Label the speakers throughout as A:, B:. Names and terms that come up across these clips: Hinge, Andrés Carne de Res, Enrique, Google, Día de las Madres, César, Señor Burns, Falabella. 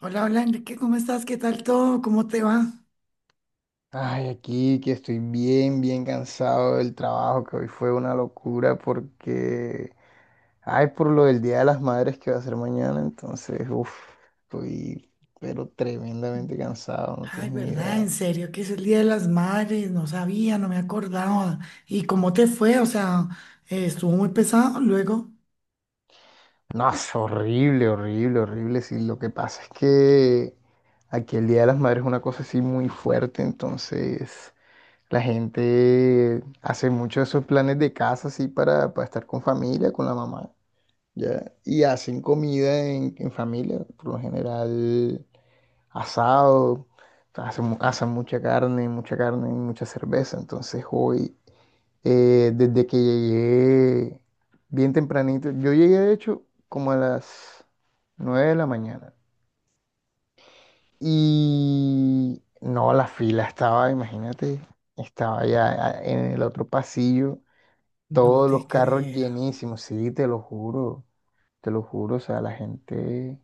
A: Hola, hola Enrique, ¿cómo estás? ¿Qué tal todo? ¿Cómo te va?
B: Ay, aquí que estoy bien, bien cansado del trabajo, que hoy fue una locura porque, ay, por lo del Día de las Madres que va a ser mañana, entonces, uff, estoy, pero tremendamente cansado, no
A: Ay,
B: tienes ni
A: ¿verdad? En
B: idea.
A: serio, que es el Día de las Madres, no sabía, no me acordaba. ¿Y cómo te fue? O sea, estuvo muy pesado luego.
B: No, es horrible, horrible, horrible. Sí, lo que pasa es que aquí el Día de las Madres es una cosa así muy fuerte, entonces la gente hace mucho esos planes de casa así para estar con familia, con la mamá. ¿Ya? Y hacen comida en familia, por lo general asado, hacen mucha carne, y mucha cerveza. Entonces hoy, desde que llegué bien tempranito, yo llegué de hecho como a las 9 de la mañana. Y no, la fila estaba, imagínate, estaba ya en el otro pasillo,
A: No
B: todos
A: te
B: los carros
A: creo.
B: llenísimos, sí, te lo juro, o sea, la gente...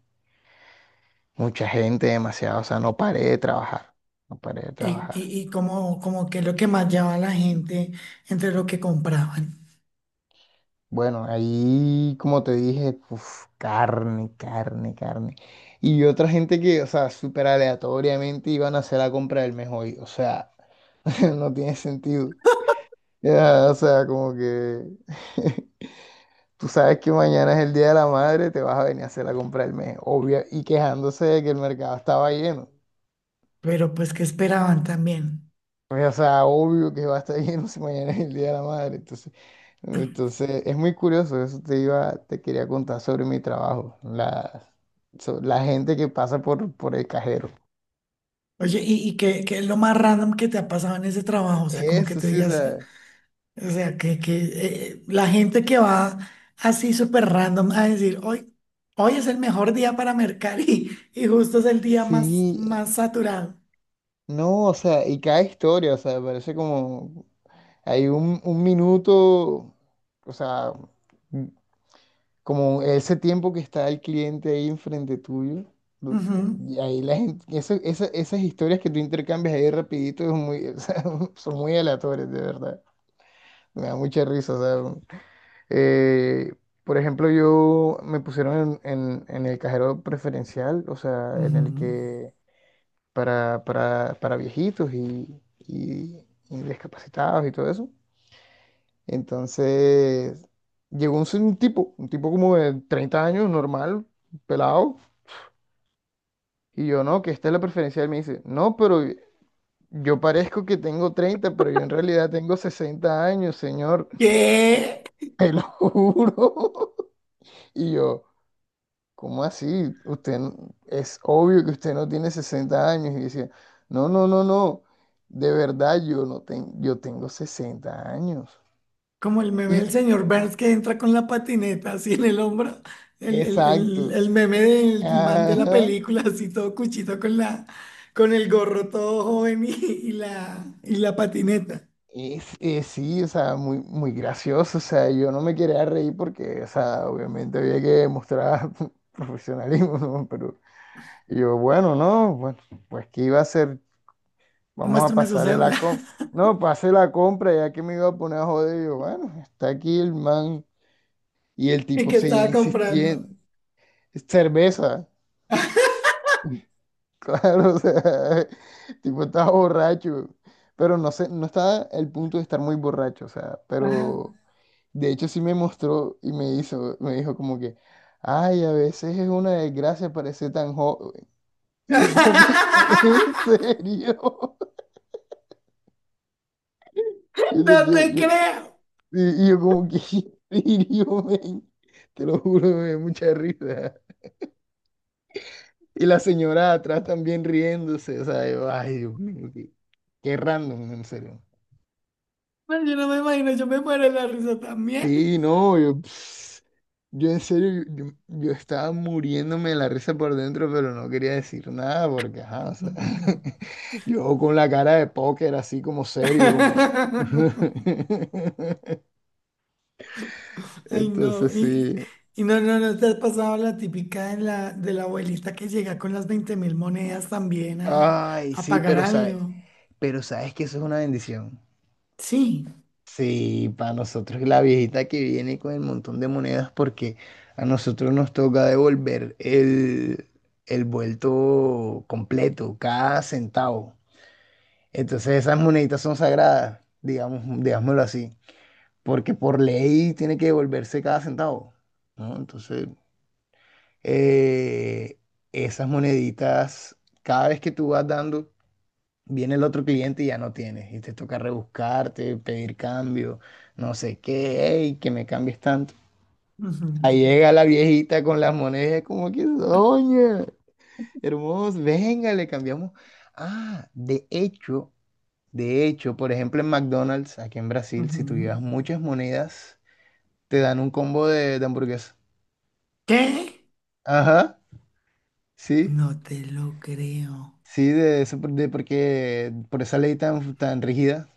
B: Mucha gente, demasiado, o sea, no paré de trabajar, no paré de
A: ¿Y,
B: trabajar.
A: y, y cómo qué es lo que más llevaba la gente entre lo que compraban?
B: Bueno, ahí, como te dije, uf, carne, carne, carne. Y otra gente que, o sea, súper aleatoriamente iban a hacer la compra del mes hoy, o sea, no tiene sentido. Ya, o sea, como que tú sabes que mañana es el Día de la Madre, te vas a venir a hacer la compra del mes, obvio, y quejándose de que el mercado estaba lleno.
A: Pero pues, ¿qué esperaban también?
B: Pues, o sea, obvio que va a estar lleno si mañana es el Día de la Madre. Entonces, es muy curioso, eso te iba, te quería contar sobre mi trabajo, la gente que pasa por el cajero.
A: Oye, y qué, qué es lo más random que te ha pasado en ese trabajo? O sea, como que
B: Eso
A: te
B: sí, o
A: digas,
B: sea,
A: O sea, que la gente que va así súper random a decir, hoy es el mejor día para mercar y justo es el día
B: sí,
A: más saturado.
B: no, o sea, y cada historia, o sea, parece como, hay un minuto, o sea, mm, como ese tiempo que está el cliente ahí enfrente tuyo, du-
A: Ujú,
B: y ahí la gente, esas historias que tú intercambias ahí rapidito es muy, o sea, son muy aleatorias, de verdad. Me da mucha risa, o sea, Eh, por ejemplo, yo me pusieron en el cajero preferencial, o sea, en el
A: ujú.
B: que para viejitos y discapacitados y todo eso. Entonces, llegó un tipo, un tipo como de 30 años, normal, pelado, y yo, no, que esta es la preferencial. Me dice, no, pero yo parezco que tengo 30, pero yo en realidad tengo 60 años, señor,
A: ¿Qué?
B: te lo juro. Y yo... ¿Cómo así? Es obvio que usted no tiene 60 años. Y decía, no, no, no, no. De verdad, yo no tengo, yo tengo 60 años.
A: Como el meme del señor Burns que entra con la patineta así en el hombro. El, el, el,
B: Exacto.
A: el meme
B: Eh,
A: del man de la
B: Ajá.
A: película, así todo cuchito con la, con el gorro todo joven y la patineta.
B: Sí, o sea, muy, muy gracioso. O sea, yo no me quería reír porque, o sea, obviamente había que demostrar profesionalismo, ¿no? Pero y yo, bueno, no, bueno, pues ¿qué iba a hacer? Vamos a
A: Muéstrame su
B: pasarle
A: cédula
B: la compra. No, pasé la compra, ya que me iba a poner a joder. Yo, bueno, está aquí el man. Y el
A: y
B: tipo
A: que
B: seguía
A: estaba comprando.
B: insistiendo. Cerveza. Claro, o sea, el tipo estaba borracho. Pero no sé, no estaba el punto de estar muy borracho, o sea, pero de hecho sí me mostró y me hizo, me dijo como que, ay, a veces es una desgracia parecer tan joven. Y yo como que, ¿en serio? Yo no-
A: No
B: yo-
A: te
B: yo-
A: creo.
B: y yo como que, y yo, men, te lo juro, me dio mucha risa. Y la señora atrás también riéndose, o sea, yo, ay, Dios mío, qué, qué random, en serio.
A: No, yo no me imagino, yo me muero de la risa también.
B: Sí, no, yo, yo en serio, yo, yo estaba muriéndome de la risa por dentro, pero no quería decir nada porque, ajá, o sea, yo con la cara de póker así como serio, como...
A: Ay, no.
B: Entonces
A: Y,
B: sí.
A: y no te has pasado la típica de la abuelita que llega con las 20.000 monedas también
B: Ay,
A: a
B: sí,
A: pagar
B: pero o sea,
A: algo.
B: pero sabes que eso es una bendición.
A: Sí.
B: Sí, para nosotros la viejita que viene con el montón de monedas porque a nosotros nos toca devolver el vuelto completo, cada centavo. Entonces esas moneditas son sagradas, digamos, digámoslo así, porque por ley tiene que devolverse cada centavo, ¿no? Entonces, eh, esas moneditas, cada vez que tú vas dando viene el otro cliente y ya no tienes, y te toca rebuscarte, pedir cambio, no sé qué, ey, que me cambies tanto.
A: Ujú,
B: Ahí llega la viejita con las monedas, como que, doña, hermoso, venga, le cambiamos. Ah, de hecho, por ejemplo, en McDonald's, aquí en Brasil,
A: ujú.
B: si tú llevas muchas monedas, te dan un combo de hamburguesa.
A: ¿Qué?
B: Ajá, sí,
A: No te lo creo.
B: sí, de eso, por- de porque por esa ley tan, tan rígida.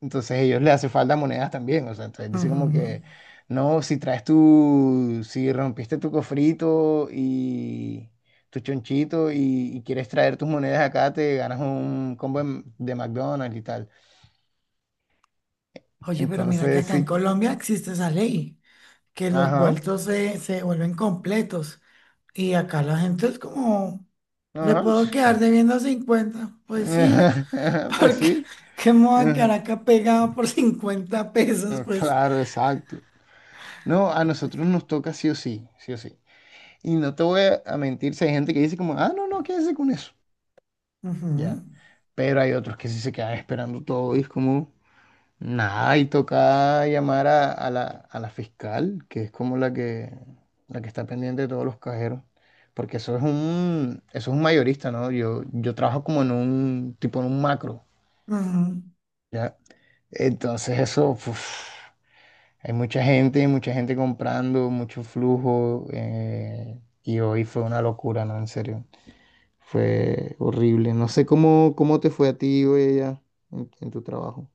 B: Entonces a ellos les hace falta monedas también, o sea, entonces dice como
A: Ujú.
B: que, no, si traes tu, si rompiste tu cofrito y tu chonchito y quieres traer tus monedas acá, te ganas un combo de McDonald's y tal.
A: Oye, pero mira que
B: Entonces
A: acá en
B: sí,
A: Colombia existe esa ley, que los
B: ajá,
A: vueltos se vuelven completos. Y acá la gente es como, le
B: ajá, sí,
A: puedo quedar debiendo 50. Pues sí,
B: pues
A: porque
B: sí,
A: ¿qué me voy a
B: ajá,
A: quedar acá pegado por 50 pesos? Pues.
B: claro, exacto. No, a nosotros
A: Oye.
B: nos toca sí o sí, sí o sí. Y no te voy a mentir, si hay gente que dice como, ah, no, no, quédese con eso,
A: Ujú,
B: ya. Pero hay otros que sí se quedan esperando todo y es como, nada, y toca llamar a la fiscal, que es como la que, está pendiente de todos los cajeros, porque eso es un mayorista, ¿no? Yo trabajo como en un, tipo en un macro,
A: ujú.
B: ¿ya? Entonces eso, uf, hay mucha gente comprando, mucho flujo, y hoy fue una locura, ¿no? En serio, fue horrible. No sé cómo te fue a ti hoy allá en tu trabajo.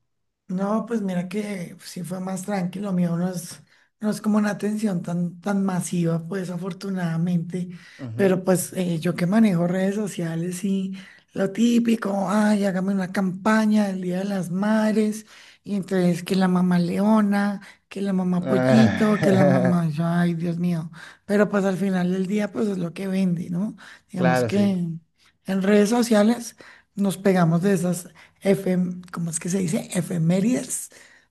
A: No, pues mira que sí fue más tranquilo, mío no es como una atención tan masiva, pues afortunadamente,
B: Ujú.
A: pero pues yo que manejo redes sociales y lo típico, ay, hágame una campaña del Día de las Madres, y entonces que la mamá leona, que la mamá pollito, que la
B: Ah,
A: mamá, yo, ay, Dios mío, pero pues al final del día pues es lo que vende, ¿no? Digamos
B: claro,
A: que
B: sí.
A: en redes sociales nos pegamos de esas ¿cómo es que se dice? Efemérides,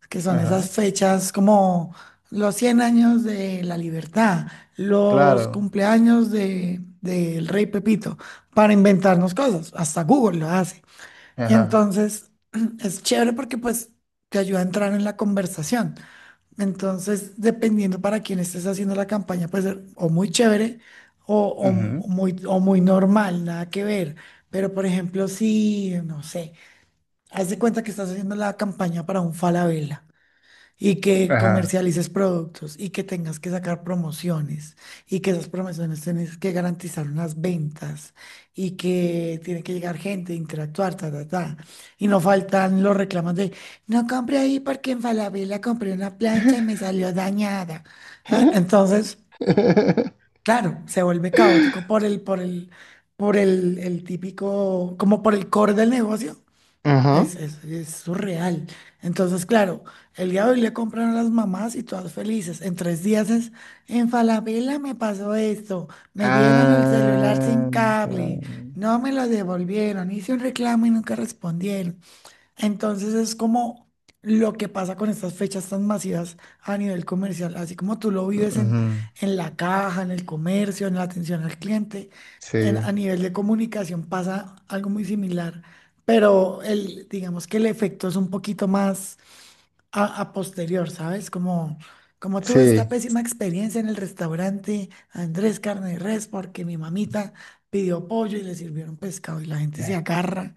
A: que son esas
B: Ajá.
A: fechas como los 100 años de la libertad, los
B: Claro.
A: cumpleaños de, del rey Pepito, para inventarnos cosas. Hasta Google lo hace. Y
B: Ajá.
A: entonces es chévere porque pues te ayuda a entrar en la conversación. Entonces, dependiendo para quién estés haciendo la campaña, puede ser o muy chévere o,
B: Ujú.
A: o o muy normal, nada que ver. Pero, por ejemplo, si, no sé. Haz de cuenta que estás haciendo la campaña para un Falabella y que
B: Ajá.
A: comercialices productos y que tengas que sacar promociones y que esas promociones tienes que garantizar unas ventas y que tiene que llegar gente, interactuar, ta, ta, ta. Y no faltan los reclamos de, no compré ahí porque en Falabella compré una plancha y me salió dañada. Ah, entonces, claro, se vuelve caótico por el, por el, por el típico, como por el core del negocio
B: Ajá.
A: es surreal. Entonces, claro, el día de hoy le compran a las mamás y todas felices. En 3 días es, en Falabella me pasó esto, me dieron el celular
B: Ah,
A: sin
B: claro.
A: cable, no me lo devolvieron, hice un reclamo y nunca respondieron. Entonces es como lo que pasa con estas fechas tan masivas a nivel comercial, así como tú lo vives
B: Ujú.
A: en la caja, en el comercio, en la atención al cliente,
B: Sí.
A: en- a nivel de comunicación pasa algo muy similar, pero el, digamos que el efecto es un poquito más a posterior, ¿sabes? Como tuve
B: Sí.
A: esta pésima experiencia en el restaurante Andrés Carne de Res, porque mi mamita pidió pollo y le sirvieron pescado y la gente se agarra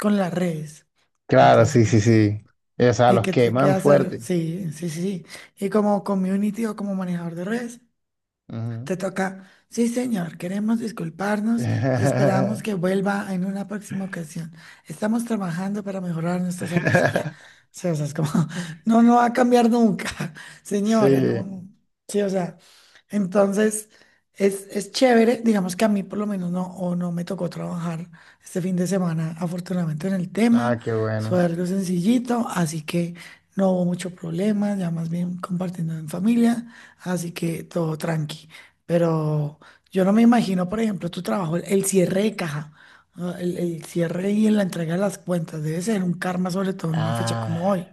A: con las redes.
B: Claro,
A: Entonces,
B: sí, sí,
A: pues,
B: sí. O sea,
A: ¿y
B: los
A: qué te queda
B: queman
A: hacer?
B: fuerte.
A: Sí, sí, sí. Sí. Y como community o como manejador de redes.
B: Ujú.
A: Te toca, sí señor, queremos disculparnos y esperamos que vuelva en una próxima ocasión. Estamos trabajando para mejorar nuestro servicio ya. Sí, o sea, es como, no, no va a cambiar nunca, señora, no,
B: Sí.
A: no. Sí, o sea, entonces es chévere, digamos que a mí por lo menos no, o no me tocó trabajar este fin de semana, afortunadamente en el tema,
B: Ah, qué
A: fue
B: bueno.
A: algo sencillito, así que no hubo mucho problema, ya más bien compartiendo en familia, así que todo tranqui. Pero yo no me imagino, por ejemplo, tu trabajo, el cierre de caja, ¿no? El cierre y la entrega de las cuentas, debe ser un karma, sobre todo en una fecha como
B: Ah.
A: hoy.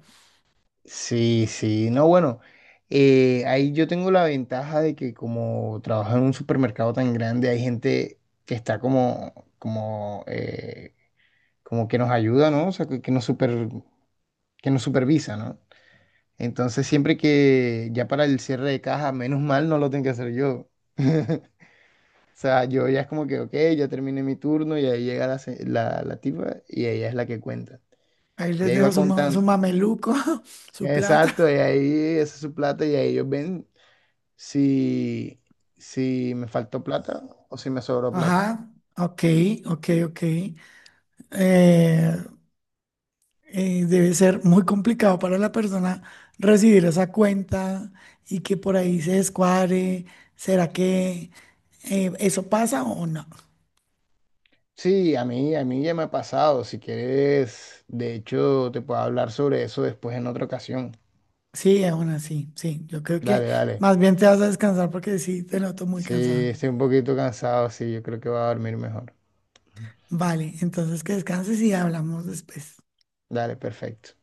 B: Sí, sí, no, bueno, ahí yo tengo la ventaja de que como trabajo en un supermercado tan grande, hay gente que está como que nos ayuda, ¿no? O sea, que nos supervisa, ¿no? Entonces, siempre que ya para el cierre de caja, menos mal no lo tengo que hacer yo. O sea, yo ya es como que, ok, ya terminé mi turno y ahí llega la tipa y ella es la que cuenta.
A: Ahí
B: Y
A: les
B: ahí va
A: dejo su, ma- su
B: contando.
A: mameluco, su
B: Exacto, y
A: plata.
B: ahí esa es su plata y ahí ellos ven, si, si me faltó plata o si me sobró plata.
A: Ajá, ok, ok, ok. Eh, debe ser muy complicado para la persona recibir esa cuenta y que por ahí se descuadre. ¿Será que eso pasa o no?
B: Sí, a mí ya me ha pasado. Si quieres, de hecho, te puedo hablar sobre eso después en otra ocasión.
A: Sí, aún así, sí. Yo creo que
B: Dale, dale.
A: más bien te vas a descansar porque sí, te noto muy
B: Sí,
A: cansado.
B: estoy un poquito cansado, sí, yo creo que voy a dormir mejor.
A: Vale, entonces que descanses y hablamos después.
B: Dale, perfecto.